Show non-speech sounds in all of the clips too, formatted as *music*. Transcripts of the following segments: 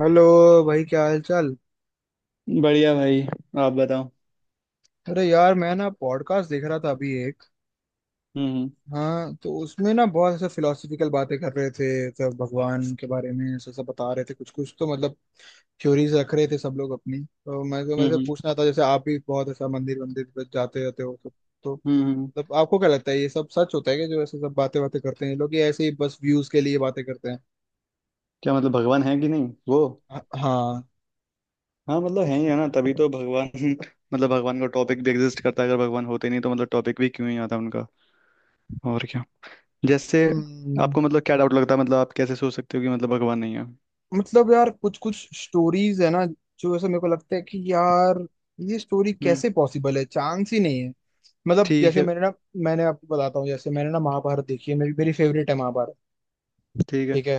Hello भाई, क्या हाल चाल। बढ़िया भाई। आप बताओ। अरे यार, मैं ना पॉडकास्ट देख रहा था अभी एक। हम्म। हाँ, तो उसमें ना बहुत ऐसे फिलोसफिकल बातें कर रहे थे। सब भगवान के बारे में ऐसा सब बता रहे थे, कुछ कुछ तो मतलब थ्योरीज रख रहे थे सब लोग अपनी। तो मैं हम्म। से हम्म। पूछना था, जैसे आप भी बहुत ऐसा मंदिर मंदिर पर जाते रहते हो तो हम्म। मतलब आपको क्या लगता है ये सब सच होता है कि जो ऐसे सब बातें बातें करते हैं ये लोग, ये ऐसे ही बस व्यूज के लिए बातें करते हैं। क्या मतलब भगवान है कि नहीं वो? हाँ। हाँ मतलब है ही है ना, तभी तो भगवान *laughs* मतलब भगवान का टॉपिक भी एग्जिस्ट करता है। अगर भगवान होते नहीं तो मतलब टॉपिक भी क्यों ही आता उनका। और क्या। जैसे हम्म आपको मतलब क्या डाउट लगता है, मतलब आप कैसे सोच सकते हो कि मतलब भगवान नहीं है? मतलब यार, कुछ कुछ स्टोरीज है ना जो ऐसे मेरे को लगता है कि यार ये स्टोरी हम्म। कैसे पॉसिबल है, चांस ही नहीं है। मतलब ठीक जैसे है। मैंने ना मैंने आपको बताता हूँ, जैसे मैंने ना महाभारत देखी है, मेरी मेरी फेवरेट है महाभारत। ठीक है। ठीक है।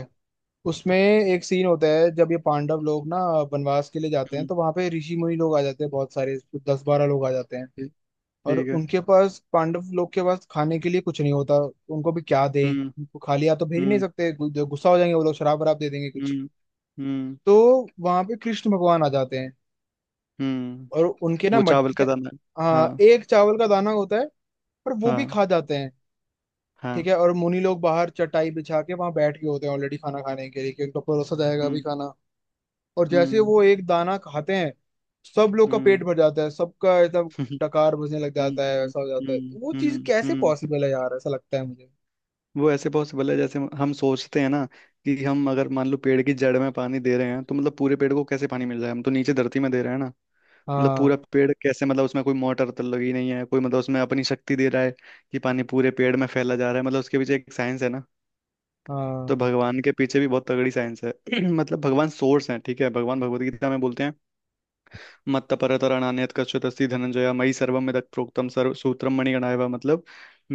उसमें एक सीन होता है जब ये पांडव लोग ना वनवास के लिए जाते हैं, हम्म। तो वहां पे ऋषि मुनि लोग आ जाते हैं बहुत सारे, दस बारह लोग आ जाते हैं। ठीक। और ठीक है। उनके पास, पांडव लोग के पास खाने के लिए कुछ नहीं होता। उनको भी क्या दें, हम्म। उनको खाली हाथ तो भेज नहीं हम्म। सकते, गुस्सा हो जाएंगे वो लोग, शराब वराब दे देंगे कुछ। हम्म। हम्म। तो वहां पे कृष्ण भगवान आ जाते हैं हम्म। और उनके ना वो चावल मटकी का, का दाना। हाँ, हाँ। एक चावल का दाना होता है, पर वो भी हाँ। खा जाते हैं। ठीक हाँ। है। और मुनि लोग बाहर चटाई बिछा के वहां बैठ गए होते हैं ऑलरेडी खाना खाने के लिए, कि उनको परोसा जाएगा अभी हम्म। खाना। और जैसे ही हम्म। वो एक दाना खाते हैं, सब लोग का पेट हम्म। भर जाता है सबका एकदम, *laughs* डकार बजने लग जाता है, हम्म। ऐसा हो हम्म। जाता है। तो वो चीज हम्म। कैसे हम्म। पॉसिबल है यार, ऐसा लगता है मुझे। वो ऐसे पॉसिबल है जैसे हम सोचते हैं ना कि हम अगर मान लो पेड़ की जड़ में पानी दे रहे हैं तो मतलब पूरे पेड़ को कैसे पानी मिल रहा है, हम तो नीचे धरती में दे रहे हैं ना। मतलब हाँ, पूरा पेड़ कैसे, मतलब उसमें कोई मोटर तो लगी नहीं है, कोई मतलब उसमें अपनी शक्ति दे रहा है कि पानी पूरे पेड़ में फैला जा रहा है, मतलब उसके पीछे एक साइंस है ना। तो हाँ। भगवान के पीछे भी बहुत तगड़ी साइंस है। *clears throat* मतलब भगवान सोर्स है। ठीक है, भगवान भगवत गीता में बोलते हैं, मत्तपरतरणान्यत् कश्चित् अस्ति धनंजय मयि सर्वं यदप्रोक्तं सर्व सूत्रम मणिगणाय। मतलब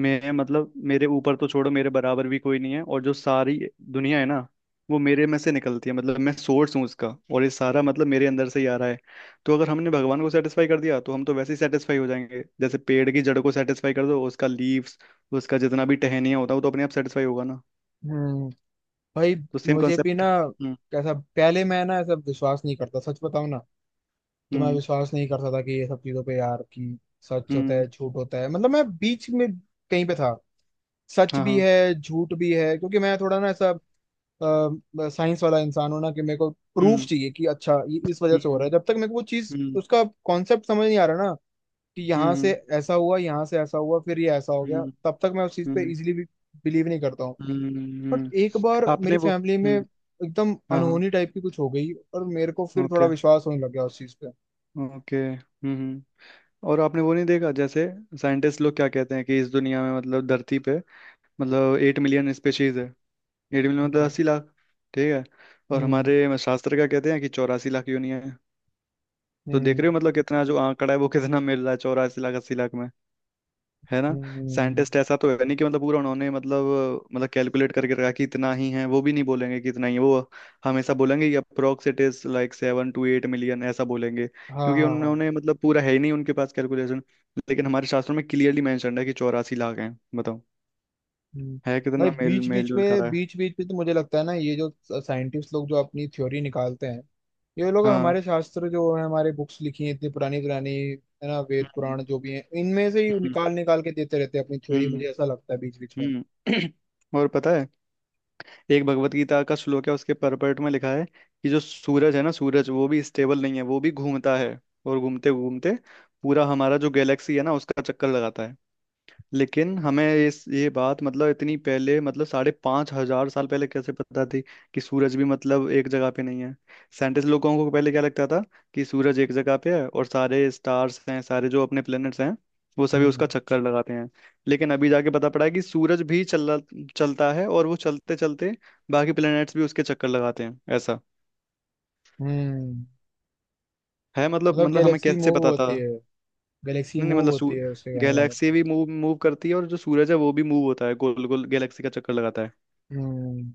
मैं, मतलब मेरे ऊपर तो छोड़ो, मेरे बराबर भी कोई नहीं है और जो सारी दुनिया है ना वो मेरे में से निकलती है, मतलब मैं सोर्स हूँ उसका। और ये सारा मतलब मेरे अंदर से ही आ रहा है। तो अगर हमने भगवान को सेटिस्फाई कर दिया तो हम तो वैसे ही सेटिस्फाई हो जाएंगे जैसे पेड़ की जड़ को सेटिस्फाई कर दो, उसका लीव्स, उसका जितना भी टहनिया होता है वो तो अपने आप सेटिस्फाई होगा ना। हम्म भाई, तो सेम मुझे भी कॉन्सेप्ट। ना हम्म। कैसा, पहले मैं ना ऐसा विश्वास नहीं करता, सच बताऊं ना। कि मैं हम्म। विश्वास नहीं करता था कि ये सब चीजों पे यार, कि सच होता हम्म। है झूठ होता है, मतलब मैं बीच में कहीं पे था। सच हाँ। भी हाँ। है झूठ भी है, क्योंकि मैं थोड़ा ना ऐसा साइंस वाला इंसान हूं ना, कि मेरे को प्रूफ हम्म। चाहिए कि अच्छा ये इस वजह से हो रहा है। हम्म। जब तक मेरे को वो चीज, हम्म। उसका कॉन्सेप्ट समझ नहीं आ रहा ना, कि यहाँ से हम्म। ऐसा हुआ, यहाँ से ऐसा हुआ, फिर ये ऐसा हो हम्म। गया, हम्म, तब तक मैं उस चीज पे हम्म। इजिली भी बिलीव नहीं करता हूँ। बट हम्म। एक बार आपने मेरी वो, फैमिली में हम्म। एकदम हाँ। हाँ। अनहोनी टाइप की कुछ हो गई, और मेरे को फिर थोड़ा ओके। विश्वास होने लग गया उस चीज पे। ओके। हम्म, और आपने वो नहीं देखा जैसे साइंटिस्ट लोग क्या कहते हैं कि इस दुनिया में, मतलब धरती पे, मतलब 8 मिलियन स्पेशीज है। एट मिलियन मतलब हम्म 80 लाख। ठीक है। और हम्म हमारे शास्त्र का कहते हैं कि 84 लाख यूनियन है। तो देख हम्म रहे हो मतलब कितना जो आंकड़ा है वो कितना मिल रहा है। 84 लाख, 80 लाख, है ना। हम्म, साइंटिस्ट ऐसा तो है नहीं कि मतलब पूरा उन्होंने, मतलब मतलब कैलकुलेट करके रखा कि इतना ही है, वो भी नहीं बोलेंगे कि इतना ही है। वो हमेशा बोलेंगे कि approx it is like 7 to 8 million, ऐसा बोलेंगे, हाँ, क्योंकि हाँ, हाँ। उन्होंने मतलब पूरा है ही नहीं उनके पास कैलकुलेशन। लेकिन हमारे शास्त्रों में क्लियरली मेंशन है कि 84 लाख हैं। बताओ हम्म। है भाई, कितना मेल बीच मेल बीच जोल करा में, है। बीच बीच में तो मुझे लगता है ना, ये जो साइंटिस्ट लोग जो अपनी थ्योरी निकालते हैं, ये लोग हाँ। हमारे शास्त्र जो है, हमारे बुक्स लिखी हैं इतनी पुरानी पुरानी, है ना, वेद हम्म। पुराण जो भी हैं, इनमें से ही निकाल निकाल के देते रहते हैं अपनी थ्योरी, हम्म। मुझे ऐसा लगता है बीच बीच में। हम्म। हम्म। *clears throat* और पता है, एक भगवत गीता का श्लोक है, उसके परपर्ट में लिखा है कि जो सूरज है ना, सूरज वो भी स्टेबल नहीं है, वो भी घूमता है। और घूमते घूमते पूरा हमारा जो गैलेक्सी है ना उसका चक्कर लगाता है। लेकिन हमें इस, ये बात मतलब इतनी पहले, मतलब 5,500 साल पहले कैसे पता थी कि सूरज भी मतलब एक जगह पे नहीं है। साइंटिस्ट लोगों को पहले क्या लगता था, कि सूरज एक जगह पे है और सारे स्टार्स हैं, सारे जो अपने प्लैनेट्स हैं वो सभी उसका हम्म चक्कर लगाते हैं। लेकिन अभी जाके पता पड़ा है कि सूरज भी चल चलता है, और वो चलते चलते बाकी प्लैनेट्स भी उसके चक्कर लगाते हैं, ऐसा हम्म है। मतलब मतलब मतलब हमें गैलेक्सी कैसे मूव पता था। होती है, गैलेक्सी नहीं नहीं, मूव होती मतलब है उसके कहने का गैलेक्सी भी मतलब। मूव मूव करती है, और जो सूरज है वो भी मूव होता है, गोल गोल गैलेक्सी का चक्कर लगाता है। हम्म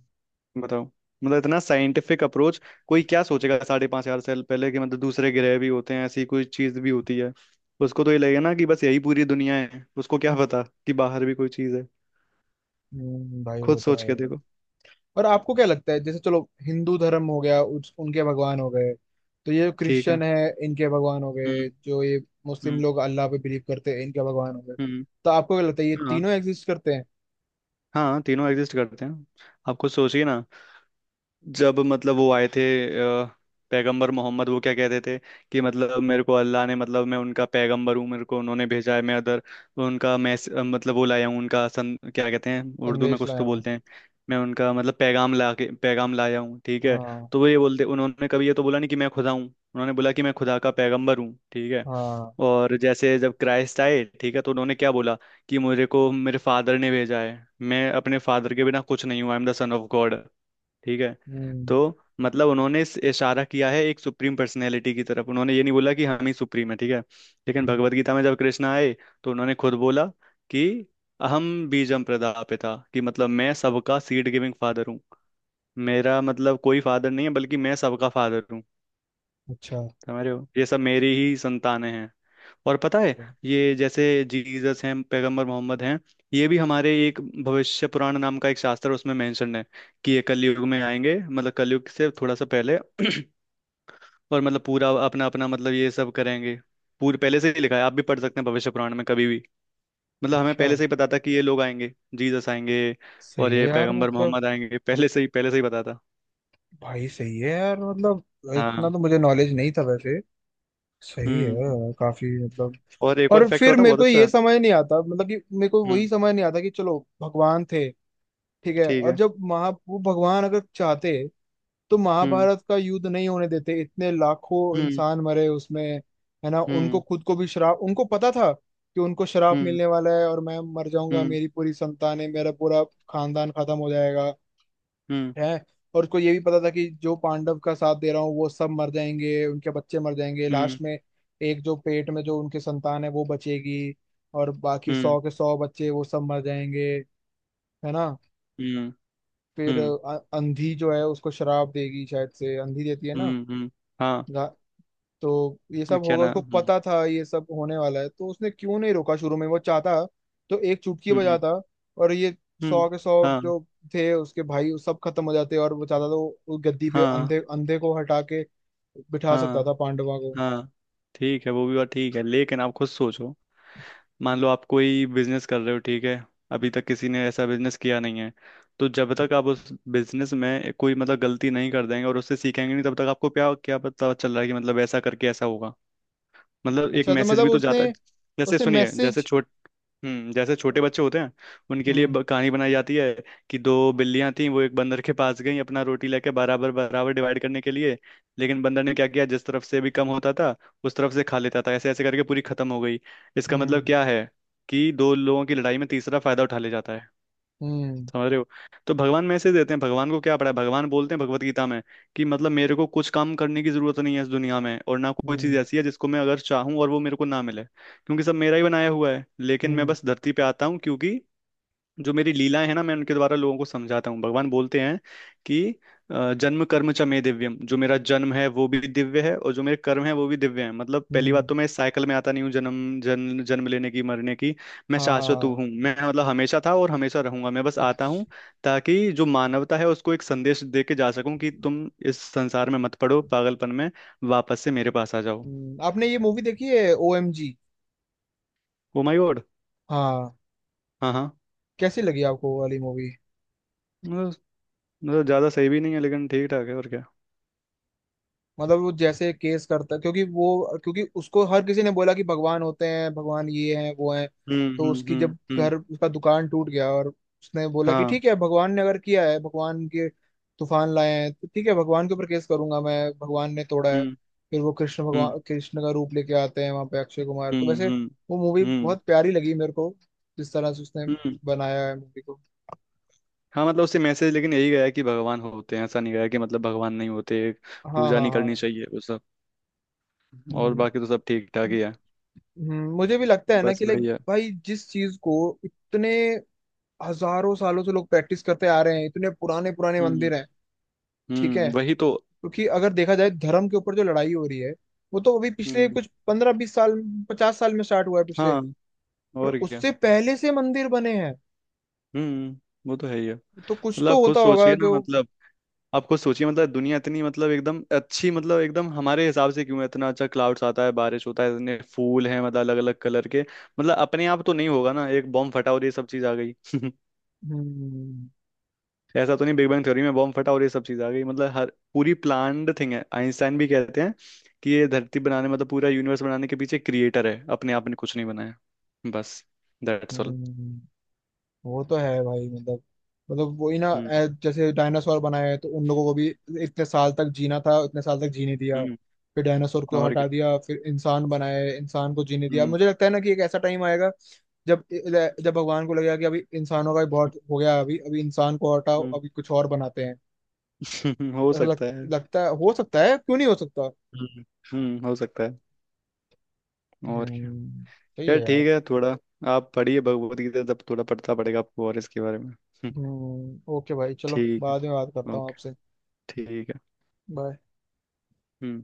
बताओ। मतलब इतना साइंटिफिक अप्रोच, कोई क्या सोचेगा 5,500 साल पहले कि मतलब दूसरे ग्रह भी होते हैं, ऐसी कोई चीज भी होती है? उसको तो ये लगेगा ना कि बस यही पूरी दुनिया है, उसको क्या पता कि बाहर भी कोई चीज है। भाई खुद वो तो सोच है। के देखो। और आपको क्या लगता है, जैसे चलो हिंदू धर्म हो गया उस, उनके भगवान हो गए, तो ये ठीक है। क्रिश्चियन है, इनके भगवान हो गए, हम्म। जो ये मुस्लिम हम्म। लोग अल्लाह पे बिलीव करते हैं, इनके भगवान हो गए। हम्म। तो आपको क्या लगता है ये हाँ। तीनों एग्जिस्ट करते हैं? हाँ, तीनों एग्जिस्ट करते हैं। आप खुद सोचिए ना, जब मतलब वो आए थे, अ, पैगंबर मोहम्मद, वो क्या कहते थे कि मतलब मेरे को अल्लाह ने, मतलब मैं उनका पैगंबर हूँ, मेरे को उन्होंने भेजा है, मैं अदर उनका मतलब वो लाया हूँ, उनका सन क्या कहते हैं उर्दू में, संदेश कुछ लाया तो हूँ। बोलते हैं। मैं उनका मतलब पैगाम ला के, पैगाम लाया हूँ, ठीक है। हाँ, तो वो ये बोलते, उन्होंने कभी ये तो बोला नहीं कि मैं खुदा हूँ, उन्होंने बोला कि मैं खुदा का पैगंबर हूँ, ठीक है। हाँ। और जैसे जब क्राइस्ट आए, ठीक है, तो उन्होंने क्या बोला, कि मुझे को मेरे फादर ने भेजा है, मैं अपने फादर के बिना कुछ नहीं हूँ, I am the son of God, ठीक है। हम्म तो मतलब उन्होंने इशारा किया है एक सुप्रीम पर्सनैलिटी की तरफ, उन्होंने ये नहीं बोला कि हम ही सुप्रीम है, ठीक है। लेकिन हम्म, भगवत गीता में जब कृष्ण आए, तो उन्होंने खुद बोला कि अहम बीजम प्रदापिता, कि मतलब मैं सबका सीड गिविंग फादर हूँ। मेरा मतलब कोई फादर नहीं है, बल्कि मैं सबका फादर हूँ। अच्छा। समझ रहे हो, ये सब मेरी ही संतानें हैं। और पता है, अच्छा। ये जैसे जीसस हैं, पैगंबर मोहम्मद हैं, ये भी हमारे एक भविष्य पुराण नाम का एक शास्त्र है, उसमें मेंशन है कि ये कलयुग में आएंगे, मतलब कलयुग से थोड़ा सा पहले। *clears throat* और मतलब पूरा अपना अपना मतलब ये सब करेंगे, पूरे पहले से ही लिखा है, आप भी पढ़ सकते हैं भविष्य पुराण में कभी भी। मतलब हमें अच्छा, पहले से ही पता था कि ये लोग आएंगे, जीसस आएंगे, सही और है ये यार पैगंबर मतलब। मोहम्मद आएंगे, पहले से ही, पहले से ही पता था। भाई सही है यार मतलब, इतना हाँ। तो मुझे नॉलेज नहीं था वैसे। सही है हम्म। यार, काफी मतलब। और एक और और फैक्ट फिर बताऊं, मेरे बहुत को ये अच्छा। समझ नहीं आता, मतलब कि मेरे को वही हम्म। समझ नहीं आता, कि चलो भगवान थे, ठीक है, ठीक और है। जब महा, वो भगवान अगर चाहते तो हम्म। महाभारत का युद्ध नहीं होने देते, इतने लाखों हम्म। इंसान मरे उसमें। है ना, उनको हम्म। खुद को भी श्राप, उनको पता था कि उनको श्राप हम्म। मिलने वाला है, और मैं मर जाऊंगा, हम्म। मेरी पूरी संतानें, मेरा पूरा खानदान खत्म हो जाएगा हम्म। है। और उसको ये भी पता था कि जो पांडव का साथ दे रहा हूँ, वो सब मर जाएंगे, उनके बच्चे मर जाएंगे हम्म। लास्ट में, एक जो पेट में जो उनके संतान है वो बचेगी, और बाकी हम्म। सौ के सौ बच्चे वो सब मर जाएंगे, है ना। हम्म। फिर हम्म। अंधी जो है उसको शराब देगी, शायद से अंधी देती है ना। हम्म। हाँ। गा- तो ये सब क्या होगा ना। उसको हम्म। पता था, ये सब होने वाला है, तो उसने क्यों नहीं रोका शुरू में? वो चाहता तो एक चुटकी हम्म। बजाता और ये हम्म। सौ के सौ हाँ जो थे उसके भाई, वो सब खत्म हो जाते। और वो चाहता तो उस गद्दी पे हाँ अंधे, अंधे को हटा के बिठा सकता था हाँ पांडवा को। हाँ। ठीक है, वो भी बात ठीक है, लेकिन आप खुद सोचो। मान लो आप कोई बिजनेस कर रहे हो, ठीक है, अभी तक किसी ने ऐसा बिजनेस किया नहीं है, तो जब तक आप उस बिजनेस में कोई मतलब गलती नहीं कर देंगे और उससे सीखेंगे नहीं, तब तक आपको क्या क्या पता चल रहा है कि मतलब ऐसा करके ऐसा होगा। मतलब एक अच्छा, तो मैसेज मतलब भी तो उसने, जाता है। जैसे उसने सुनिए, मैसेज। हम्म, जैसे छोटे बच्चे होते हैं, उनके लिए हम्म कहानी बनाई जाती है कि दो बिल्लियां थीं, वो एक बंदर के पास गईं अपना रोटी लेके बराबर बराबर डिवाइड करने के लिए। लेकिन बंदर ने क्या किया, जिस तरफ से भी कम होता था उस तरफ से खा लेता था, ऐसे ऐसे करके पूरी खत्म हो गई। इसका मतलब हम्म क्या है, कि दो लोगों की लड़ाई में तीसरा फायदा उठा ले जाता है। हम्म समझ रहे हो। तो भगवान मैसेज देते हैं, भगवान को क्या पड़ा है, भगवान बोलते हैं भगवत गीता में कि मतलब मेरे को कुछ काम करने की जरूरत नहीं है इस दुनिया में, और ना कोई चीज हम्म ऐसी है जिसको मैं अगर चाहूँ और वो मेरे को ना मिले, क्योंकि सब मेरा ही बनाया हुआ है। लेकिन मैं हम्म बस धरती पे आता हूँ क्योंकि जो मेरी लीलाएं हैं ना, मैं उनके द्वारा लोगों को समझाता हूँ। भगवान बोलते हैं कि जन्म कर्म च मे दिव्यम, जो मेरा जन्म है वो भी दिव्य है और जो मेरे कर्म है वो भी दिव्य है। मतलब पहली हम्म बात तो मैं इस साइकिल में आता नहीं हूँ, जन्म जन्म जन्म लेने की मरने की। मैं हाँ, हाँ, शाश्वत हाँ। हूँ, मैं मतलब हमेशा था और हमेशा रहूंगा, मैं बस आता हूँ अच्छा। ताकि जो मानवता है उसको एक संदेश दे के जा सकूं कि तुम इस संसार में मत पड़ो पागलपन में, वापस से मेरे पास आ जाओ। आपने ये मूवी देखी है OMG? O my God. हाँ। हाँ हाँ। कैसी लगी आपको वो वाली मूवी? मतलब, मतलब ज्यादा सही भी नहीं है लेकिन ठीक ठाक है, और क्या। मतलब वो जैसे केस करता, क्योंकि वो, क्योंकि उसको हर किसी ने बोला कि भगवान होते हैं, भगवान ये हैं वो हैं, हम्म। तो हम्म। उसकी हम्म। जब हम्म। घर, उसका दुकान टूट गया, और उसने बोला कि हाँ। ठीक है, भगवान ने अगर किया है, भगवान के तूफान लाए हैं, तो ठीक है भगवान के ऊपर केस करूंगा मैं, भगवान ने तोड़ा है। हम्म। फिर वो कृष्ण हम्म। भगवान, कृष्ण का रूप लेके आते हैं वहां पे अक्षय कुमार, तो हम्म। वैसे हम्म। वो मूवी हम्म। बहुत प्यारी लगी मेरे को, जिस तरह से उसने हम्म। बनाया है मूवी को। हाँ, मतलब उससे मैसेज लेकिन यही गया है कि भगवान होते हैं, ऐसा नहीं गया कि मतलब भगवान नहीं होते, हाँ, हाँ, पूजा हाँ, नहीं करनी हाँ। चाहिए वो सब। और हम्म, बाकी तो सब ठीक ठाक ही है, मुझे भी लगता है ना बस कि लाइक वही है। भाई, जिस चीज को इतने हजारों सालों से लोग प्रैक्टिस करते आ रहे हैं, इतने पुराने पुराने हम्म। मंदिर हैं, ठीक है, हम्म, वही तो। क्योंकि अगर देखा जाए धर्म के ऊपर जो लड़ाई हो रही है, वो तो अभी पिछले हम्म। कुछ 15-20 साल, 50 साल में स्टार्ट हुआ है पिछले, हाँ, पर और क्या। उससे पहले से मंदिर बने हैं। हम्म, वो तो है ही है। तो कुछ मतलब तो आप खुद होता होगा सोचिए ना, जो। मतलब आप खुद सोचिए, मतलब दुनिया इतनी, मतलब एकदम अच्छी, मतलब एकदम हमारे हिसाब से क्यों है इतना अच्छा? क्लाउड्स आता है, बारिश होता है, इतने फूल हैं मतलब अलग अलग कलर के, मतलब अपने आप तो नहीं होगा ना, एक बॉम्ब फटा और ये सब चीज आ गई। *laughs* हम्म ऐसा तो नहीं बिग बैंग थ्योरी में बॉम्ब फटा और ये सब चीज आ गई। मतलब हर पूरी प्लान्ड थिंग है। आइंस्टाइन भी कहते हैं कि ये धरती बनाने, मतलब पूरा यूनिवर्स बनाने के पीछे क्रिएटर है, अपने आप ने कुछ नहीं बनाया। बस, दैट्स ऑल। हम्म वो तो है भाई, मतलब मतलब वही ना, हम्म। जैसे डायनासोर बनाए हैं, तो उन लोगों को भी इतने साल तक जीना था, इतने साल तक जीने दिया, हम्म। फिर डायनासोर को और क्या। हटा दिया, फिर इंसान बनाए, इंसान को जीने दिया। हम्म। मुझे लगता है ना कि एक ऐसा टाइम आएगा जब, जब भगवान को लगेगा कि अभी इंसानों का भी बहुत हो गया, अभी अभी इंसान को हटाओ, अभी कुछ और बनाते हैं। हम्म। *laughs* हो ऐसा लग, सकता है। लगता है, हो सकता है, क्यों नहीं हो सकता। हम्म। हम्म, हो सकता है। और क्या। हम्म सही यार है ठीक यार। है, थोड़ा आप पढ़िए भगवत गीता, तब थोड़ा पढ़ता पड़ेगा आपको और इसके बारे में। हम्म। ओके भाई, चलो ठीक बाद में बात है। करता हूँ ओके। आपसे। ठीक है। बाय। हम्म।